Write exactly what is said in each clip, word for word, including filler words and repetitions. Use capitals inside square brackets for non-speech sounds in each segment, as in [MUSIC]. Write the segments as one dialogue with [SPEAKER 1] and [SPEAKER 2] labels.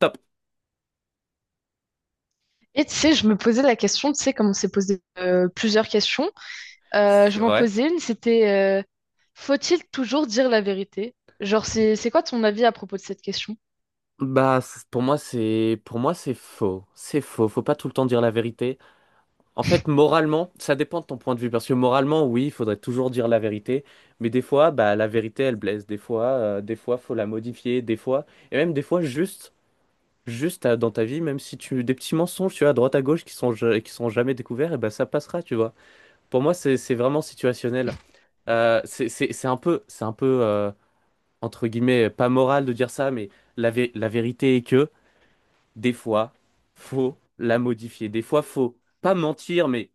[SPEAKER 1] Top.
[SPEAKER 2] Et tu sais, je me posais la question, tu sais, comme on s'est posé euh, plusieurs questions, euh, je
[SPEAKER 1] C'est
[SPEAKER 2] m'en
[SPEAKER 1] vrai.
[SPEAKER 2] posais une, c'était euh, faut-il toujours dire la vérité? Genre, c'est c'est quoi ton avis à propos de cette question?
[SPEAKER 1] Bah, c- pour moi, c'est pour moi, c'est faux. C'est faux. Faut pas tout le temps dire la vérité. En fait, moralement, ça dépend de ton point de vue. Parce que moralement, oui, il faudrait toujours dire la vérité. Mais des fois, bah, la vérité, elle blesse. Des fois, euh, des fois, faut la modifier. Des fois, et même des fois, juste, juste euh, dans ta vie, même si tu des petits mensonges, tu vois, à droite à gauche, qui sont ja- qui sont jamais découverts, et bah, ça passera, tu vois. Pour moi, c'est c'est vraiment situationnel. Euh, c'est c'est c'est un peu, c'est un peu. Euh, entre guillemets, euh, pas moral de dire ça, mais la, vé- la vérité est que des fois, faut la modifier. Des fois, faut pas mentir, mais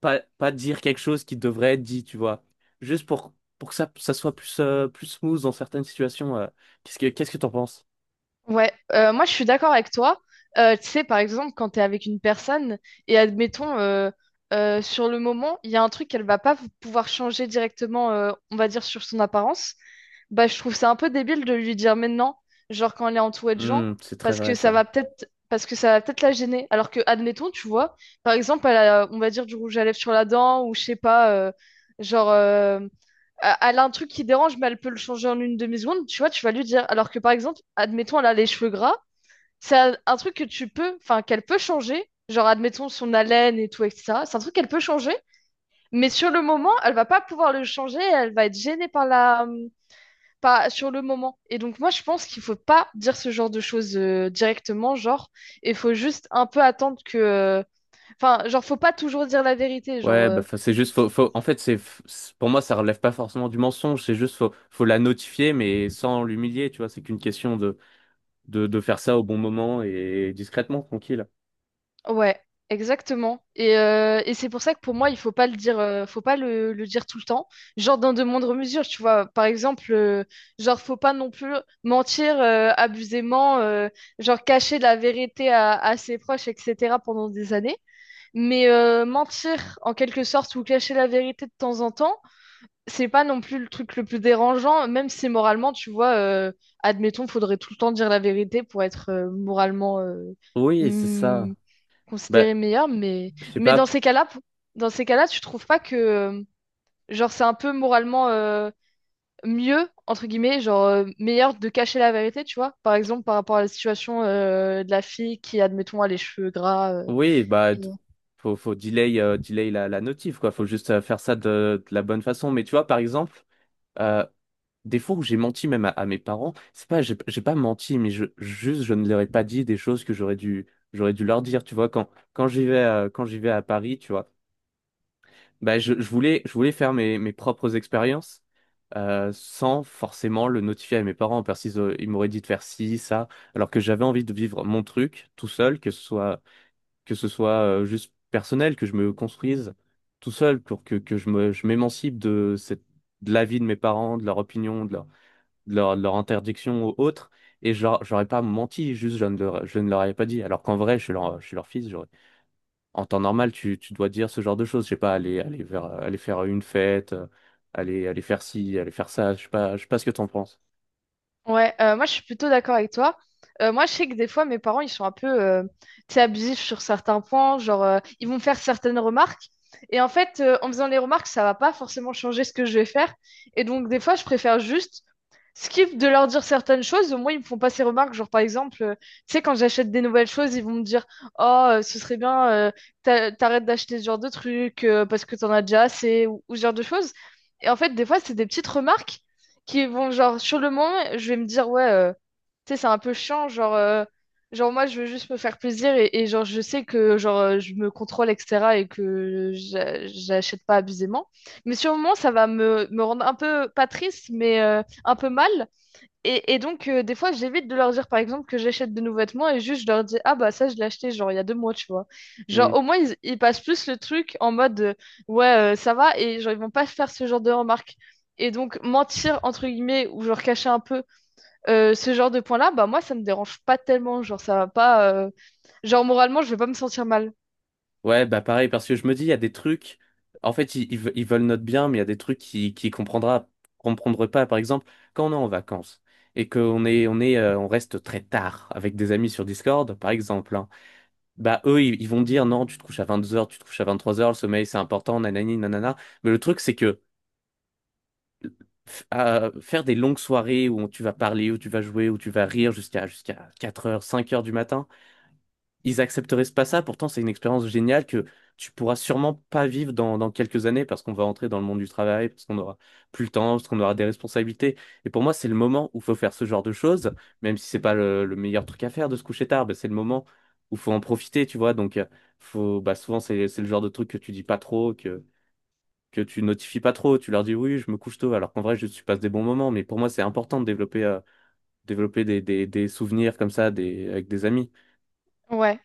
[SPEAKER 1] pas, pas dire quelque chose qui devrait être dit, tu vois. Juste pour, pour que ça, ça soit plus, euh, plus smooth dans certaines situations. euh. Qu'est-ce que, qu'est-ce que t'en penses?
[SPEAKER 2] Ouais, euh, moi je suis d'accord avec toi. Euh, tu sais, par exemple, quand tu es avec une personne et admettons, euh, euh, sur le moment, il y a un truc qu'elle va pas v- pouvoir changer directement, euh, on va dire, sur son apparence, bah je trouve ça un peu débile de lui dire maintenant, genre quand elle est entourée de gens,
[SPEAKER 1] Hmm, c'est très
[SPEAKER 2] parce
[SPEAKER 1] vrai,
[SPEAKER 2] que ça
[SPEAKER 1] ça.
[SPEAKER 2] va peut-être parce que ça va peut-être la gêner. Alors que, admettons, tu vois, par exemple, elle a, on va dire, du rouge à lèvres sur la dent ou je sais pas, euh, genre. euh, euh, elle a un truc qui dérange, mais elle peut le changer en une demi-seconde, tu vois, tu vas lui dire. Alors que par exemple, admettons, elle a les cheveux gras, c'est un, un truc que tu peux, enfin, qu'elle peut changer, genre admettons son haleine et tout, et etc. C'est un truc qu'elle peut changer, mais sur le moment, elle va pas pouvoir le changer, elle va être gênée par la, pas sur le moment. Et donc moi, je pense qu'il faut pas dire ce genre de choses euh, directement, genre, il faut juste un peu attendre que, euh, enfin, genre, faut pas toujours dire la vérité, genre,
[SPEAKER 1] Ouais,
[SPEAKER 2] euh,
[SPEAKER 1] bah, faut- c'est juste, faut, faut- en fait, c'est, c'est- pour moi ça relève pas forcément du mensonge, c'est juste, faut, faut la notifier, mais sans l'humilier, tu vois, c'est qu'une question de, de, de faire ça au bon moment et discrètement, tranquille.
[SPEAKER 2] Ouais, exactement. Et, euh, et c'est pour ça que pour moi, il faut pas le dire, euh, faut pas le, le dire tout le temps. Genre dans de moindres mesures, tu vois. Par exemple, euh, genre faut pas non plus mentir euh, abusément, euh, genre cacher la vérité à, à ses proches, et cetera pendant des années. Mais euh, mentir en quelque sorte ou cacher la vérité de temps en temps, c'est pas non plus le truc le plus dérangeant, même si moralement, tu vois, euh, admettons, faudrait tout le temps dire la vérité pour être euh, moralement euh,
[SPEAKER 1] Oui, c'est ça.
[SPEAKER 2] hmm,
[SPEAKER 1] Bah,
[SPEAKER 2] considéré meilleur, mais,
[SPEAKER 1] je sais
[SPEAKER 2] mais
[SPEAKER 1] pas.
[SPEAKER 2] dans ces cas-là, pou- dans ces cas-là, tu trouves pas que, euh, genre, c'est un peu moralement euh, mieux, entre guillemets, genre, euh, meilleur de cacher la vérité, tu vois, par exemple, par rapport à la situation euh, de la fille qui, admettons, a les cheveux gras euh,
[SPEAKER 1] Oui, bah, d- Faut, faut delay, euh, delay la, la notif, quoi. Faut juste euh, faire ça de, de la bonne façon. Mais tu vois, par exemple, euh, des fois où j'ai menti même à, à mes parents, c'est pas, j'ai j'ai pas menti, mais je, juste, je ne leur ai pas dit des choses que j'aurais dû, j'aurais dû leur dire. Tu vois, quand, quand j'y vais, euh, quand j'y vais à Paris, tu vois, bah, je, je voulais, je voulais faire mes, mes propres expériences. Euh, sans forcément le notifier à mes parents, parce qu'ils euh, ils m'auraient dit de faire ci, ça, alors que j'avais envie de vivre mon truc tout seul, que ce soit que ce soit euh, juste personnel, que je me construise tout seul pour que, que je me, je m'émancipe de cette, de l'avis de mes parents, de leur opinion, de leur, de leur, de leur interdiction ou autre. Et je leur- j'aurais pas menti, juste je ne leur, je ne leur avais pas dit. Alors qu'en vrai, je suis leur, je suis leur fils. j'aurais- En temps normal, tu, tu dois dire ce genre de choses. Je sais pas, aller, aller vers, aller faire une fête, euh, aller, aller faire ci, aller faire ça. Je sais pas, je sais pas ce que t'en penses.
[SPEAKER 2] Ouais, euh, moi je suis plutôt d'accord avec toi. Euh, moi je sais que des fois mes parents ils sont un peu euh, tu sais, abusifs sur certains points, genre euh, ils vont me faire certaines remarques et en fait euh, en faisant les remarques ça va pas forcément changer ce que je vais faire et donc des fois je préfère juste skip de leur dire certaines choses, au moins ils me font pas ces remarques, genre par exemple euh, tu sais quand j'achète des nouvelles choses ils vont me dire oh euh, ce serait bien euh, t'a- t'arrêtes d'acheter ce genre de trucs euh, parce que t'en as déjà assez ou, ou ce genre de choses et en fait des fois c'est des petites remarques qui vont genre sur le moment, je vais me dire ouais, euh, tu sais, c'est un peu chiant, genre euh, genre moi je veux juste me faire plaisir et, et genre je sais que genre euh, je me contrôle etc et que j'a- j'achète pas abusément. Mais sur le moment, ça va me me rendre un peu pas triste mais euh, un peu mal et, et donc, euh, des fois, j'évite de leur dire, par exemple, que j'achète de nouveaux vêtements et juste je leur dis, ah bah ça, je l'ai acheté, genre, il y a deux mois, tu vois. Genre, au moins, ils, ils passent plus le truc en mode, euh, ouais, euh, ça va, et genre, ils vont pas se faire ce genre de remarques. Et donc, mentir, entre guillemets, ou genre cacher un peu euh, ce genre de point-là, bah moi, ça me dérange pas tellement. Genre, ça va pas. euh, Genre, moralement, je vais pas me sentir mal.
[SPEAKER 1] Ouais, bah pareil, parce que je me dis, il y a des trucs. En fait, ils, ils ve- ils veulent notre bien, mais il y a des trucs qui, qui comprendra, comprendra pas. Par exemple, quand on est en vacances et qu'on est, on est, euh, on reste très tard avec des amis sur Discord, par exemple, hein, bah eux, ils, ils vont dire non, tu te couches à vingt-deux heures, tu te couches à vingt-trois heures, le sommeil c'est important, nanani, nanana. Mais le truc, c'est que f- euh, faire des longues soirées où tu vas parler, où tu vas jouer, où tu vas rire jusqu'à jusqu'à quatre heures cinq heures du matin, ils accepteraient pas ça. Pourtant, c'est une expérience géniale que tu pourras sûrement pas vivre dans, dans quelques années parce qu'on va entrer dans le monde du travail, parce qu'on aura plus le temps, parce qu'on aura des responsabilités. Et pour moi, c'est le moment où faut faire ce genre de choses, même si c'est pas le, le meilleur truc à faire de se coucher tard, bah, c'est le moment où faut en profiter, tu vois. Donc, euh, faut, bah, souvent, c'est, c'est le genre de truc que tu dis pas trop, que, que tu notifies pas trop. Tu leur dis oui, je me couche tôt, alors qu'en vrai, je tu passes des bons moments. Mais pour moi, c'est important de développer, euh, développer des, des, des souvenirs comme ça, des, avec des amis.
[SPEAKER 2] Ouais.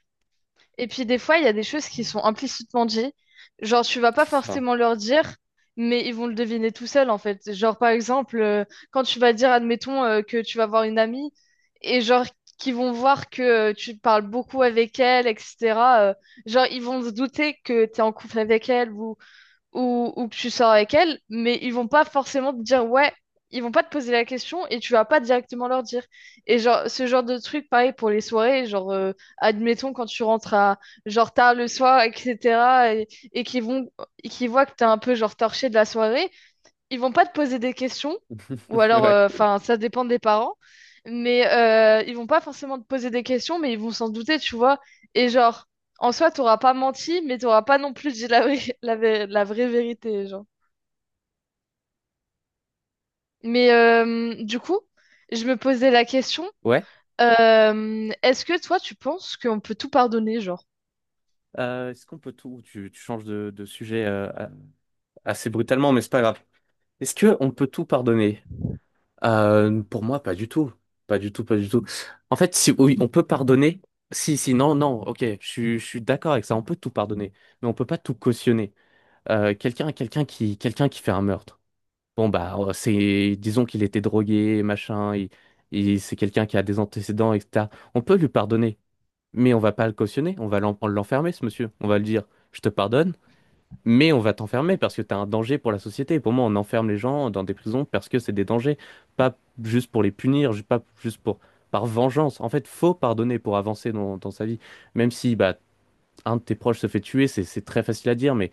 [SPEAKER 2] Et puis des fois, il y a des choses qui sont implicitement dites. Genre, tu vas pas
[SPEAKER 1] C'est ça.
[SPEAKER 2] forcément leur dire, mais ils vont le deviner tout seuls, en fait. Genre, par exemple, euh, quand tu vas dire, admettons, euh, que tu vas voir une amie, et genre, qu'ils vont voir que euh, tu parles beaucoup avec elle, et cetera euh, genre, ils vont se douter que tu es en couple avec elle, ou ou, ou que tu sors avec elle, mais ils vont pas forcément te dire ouais, ils vont pas te poser la question et tu vas pas directement leur dire. Et genre, ce genre de truc, pareil pour les soirées, genre, euh, admettons quand tu rentres à genre tard le soir, et cetera, et, et qu'ils vont, et qu'ils voient que t'es un peu genre torché de la soirée, ils vont pas te poser des questions, ou
[SPEAKER 1] [LAUGHS]
[SPEAKER 2] alors,
[SPEAKER 1] Ouais.
[SPEAKER 2] euh, enfin, ça dépend des parents, mais euh, ils vont pas forcément te poser des questions, mais ils vont s'en douter, tu vois. Et genre, en soi, t'auras pas menti, mais t'auras pas non plus dit la vraie, [LAUGHS] la, vé- la vraie vérité, genre. Mais euh, du coup, je me posais la question,
[SPEAKER 1] Ouais.
[SPEAKER 2] euh, est-ce que toi, tu penses qu'on peut tout pardonner, genre?
[SPEAKER 1] Euh, est-ce qu'on peut tout... Tu, tu changes de, de sujet euh, a- assez brutalement, mais c'est pas grave. Est-ce que on peut tout pardonner? Euh, pour moi, pas du tout. Pas du tout, pas du tout. En fait, si oui, on peut pardonner. Si, si, non, non, ok, je, suis- je suis d'accord avec ça. On peut tout pardonner, mais on peut pas tout cautionner. Euh, quelqu'un, quelqu'un qui, quelqu'un qui fait un meurtre. Bon bah, euh, c'est, disons qu'il était drogué, machin. Et il- c'est quelqu'un qui a des antécédents, et cetera. On peut lui pardonner, mais on va pas le cautionner. On va l'en- l'enfermer, ce monsieur. On va lui dire, je te pardonne. Mais on va t'enfermer parce que t'as un danger pour la société. Pour moi, on enferme les gens dans des prisons parce que c'est des dangers, pas juste pour les punir, ju- pas juste pour par vengeance. En fait, faut pardonner pour avancer dans, dans sa vie. Même si bah un de tes proches se fait tuer, c'est c'est très facile à dire, mais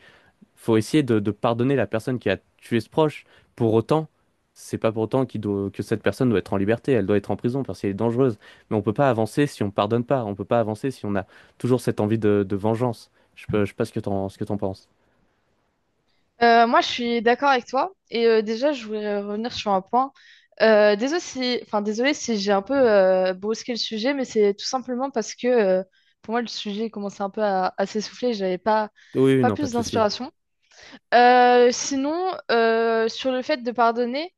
[SPEAKER 1] faut essayer de, de pardonner la personne qui a tué ce proche. Pour autant, c'est pas pour autant qu'il doit, que cette personne doit être en liberté. Elle doit être en prison parce qu'elle est dangereuse. Mais on peut pas avancer si on pardonne pas. On peut pas avancer si on a toujours cette envie de, de vengeance. Je peux, je sais pas ce que t'en, ce que t'en penses.
[SPEAKER 2] Euh, moi, je suis d'accord avec toi. Et euh, déjà, je voulais revenir sur un point. Euh, désolé si, enfin, désolé si j'ai un peu euh, brusqué le sujet, mais c'est tout simplement parce que euh, pour moi, le sujet commençait un peu à, à s'essouffler. J'avais pas,
[SPEAKER 1] Oui, oui,
[SPEAKER 2] pas
[SPEAKER 1] non, pas
[SPEAKER 2] plus
[SPEAKER 1] de souci.
[SPEAKER 2] d'inspiration. Euh, sinon, euh, sur le fait de pardonner,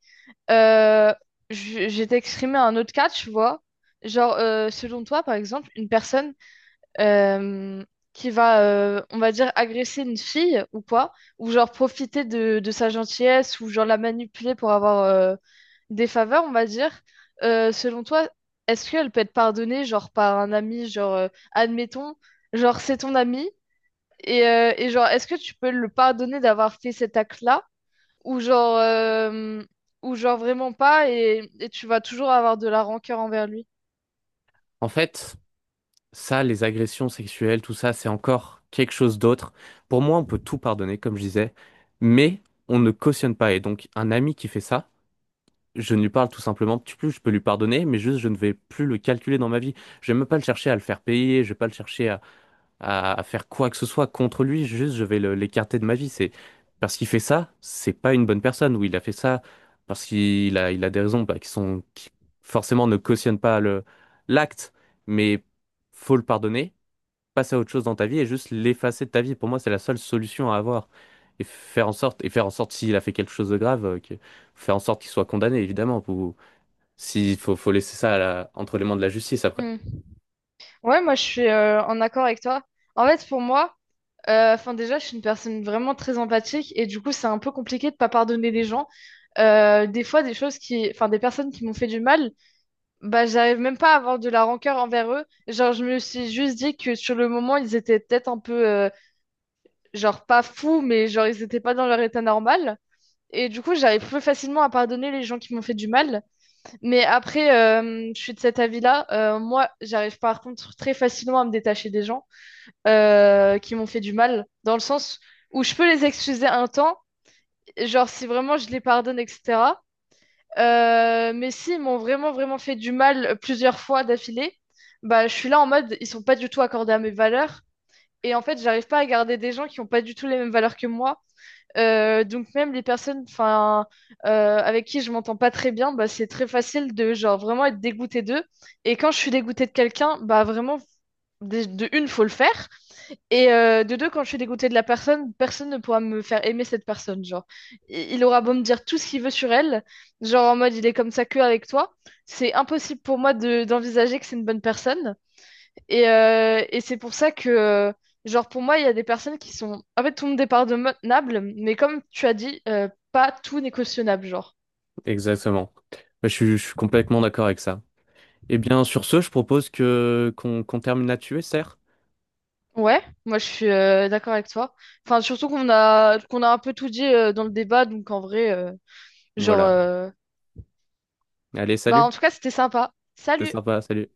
[SPEAKER 2] euh, je- j'ai exprimé un autre cas, tu vois. Genre, euh, selon toi, par exemple, une personne euh, qui va, euh, on va dire, agresser une fille ou quoi, ou genre profiter de, de sa gentillesse, ou genre la manipuler pour avoir euh, des faveurs, on va dire, euh, selon toi, est-ce qu'elle peut être pardonnée, genre par un ami, genre, euh, admettons, genre c'est ton ami, et, euh, et genre, est-ce que tu peux le pardonner d'avoir fait cet acte-là, ou genre, euh, ou genre vraiment pas, et, et tu vas toujours avoir de la rancœur envers lui?
[SPEAKER 1] En fait, ça, les agressions sexuelles, tout ça, c'est encore quelque chose d'autre. Pour moi, on peut tout pardonner, comme je disais, mais on ne cautionne pas. Et donc, un ami qui fait ça, je ne lui parle tout simplement tu plus, je peux lui pardonner, mais juste, je ne vais plus le calculer dans ma vie. Je vais même pas le chercher à le faire payer, je vais pas le chercher à, à, à faire quoi que ce soit contre lui, juste je vais le- l'écarter de ma vie. C'est parce qu'il fait ça, c'est pas une bonne personne, ou il a fait ça parce qu'il a, il a des raisons bah, qui sont qui forcément ne cautionnent pas le l'acte, mais faut le pardonner, passer à autre chose dans ta vie et juste l'effacer de ta vie. Pour moi, c'est la seule solution à avoir. Et faire en sorte, et faire en sorte s'il a fait quelque chose de grave, euh, que- faire en sorte qu'il soit condamné, évidemment. Pour, s'il faut, faut laisser ça à la- entre les mains de la justice après.
[SPEAKER 2] Hmm. Ouais, moi je suis euh, en accord avec toi. En fait, pour moi, Euh, enfin, déjà, je suis une personne vraiment très empathique et du coup, c'est un peu compliqué de pas pardonner les gens. Euh, des fois, des choses qui, enfin, des personnes qui m'ont fait du mal, bah, j'arrive même pas à avoir de la rancœur envers eux. Genre, je me suis juste dit que sur le moment, ils étaient peut-être un peu, euh, genre, pas fous, mais genre, ils étaient pas dans leur état normal. Et du coup, j'arrive plus facilement à pardonner les gens qui m'ont fait du mal. Mais après, euh, je suis de cet avis-là. Euh, moi, j'arrive par contre très facilement à me détacher des gens euh, qui m'ont fait du mal, dans le sens où je peux les excuser un temps, genre si vraiment je les pardonne, et cetera. Euh, mais s'ils m'ont vraiment, vraiment fait du mal plusieurs fois d'affilée, bah, je suis là en mode, ils sont pas du tout accordés à mes valeurs. Et en fait, j'arrive pas à garder des gens qui ont pas du tout les mêmes valeurs que moi. Euh, donc même les personnes, enfin, euh, avec qui je m'entends pas très bien, bah, c'est très facile de genre vraiment être dégoûté d'eux. Et quand je suis dégoûté de quelqu'un, bah vraiment, dé- de une, faut le faire. Et euh, de deux, quand je suis dégoûtée de la personne, personne ne pourra me faire aimer cette personne. Genre, I- il aura beau me dire tout ce qu'il veut sur elle, genre en mode il est comme ça que avec toi, c'est impossible pour moi de d'envisager que c'est une bonne personne. Et, euh, et c'est pour ça que, euh, genre pour moi, il y a des personnes qui sont, en fait, tout le monde est pardonnable, mais comme tu as dit, euh, pas tout n'est cautionnable, genre.
[SPEAKER 1] Exactement. Je suis, je suis complètement d'accord avec ça. Eh bien, sur ce, je propose que qu'on qu'on termine là-dessus, serre.
[SPEAKER 2] Ouais, moi je suis euh, d'accord avec toi. Enfin, surtout qu'on a qu'on a un peu tout dit euh, dans le débat, donc en vrai, euh, genre.
[SPEAKER 1] Voilà.
[SPEAKER 2] euh,
[SPEAKER 1] Allez,
[SPEAKER 2] Bah,
[SPEAKER 1] salut.
[SPEAKER 2] en tout cas, c'était sympa.
[SPEAKER 1] C'est
[SPEAKER 2] Salut!
[SPEAKER 1] sympa, salut.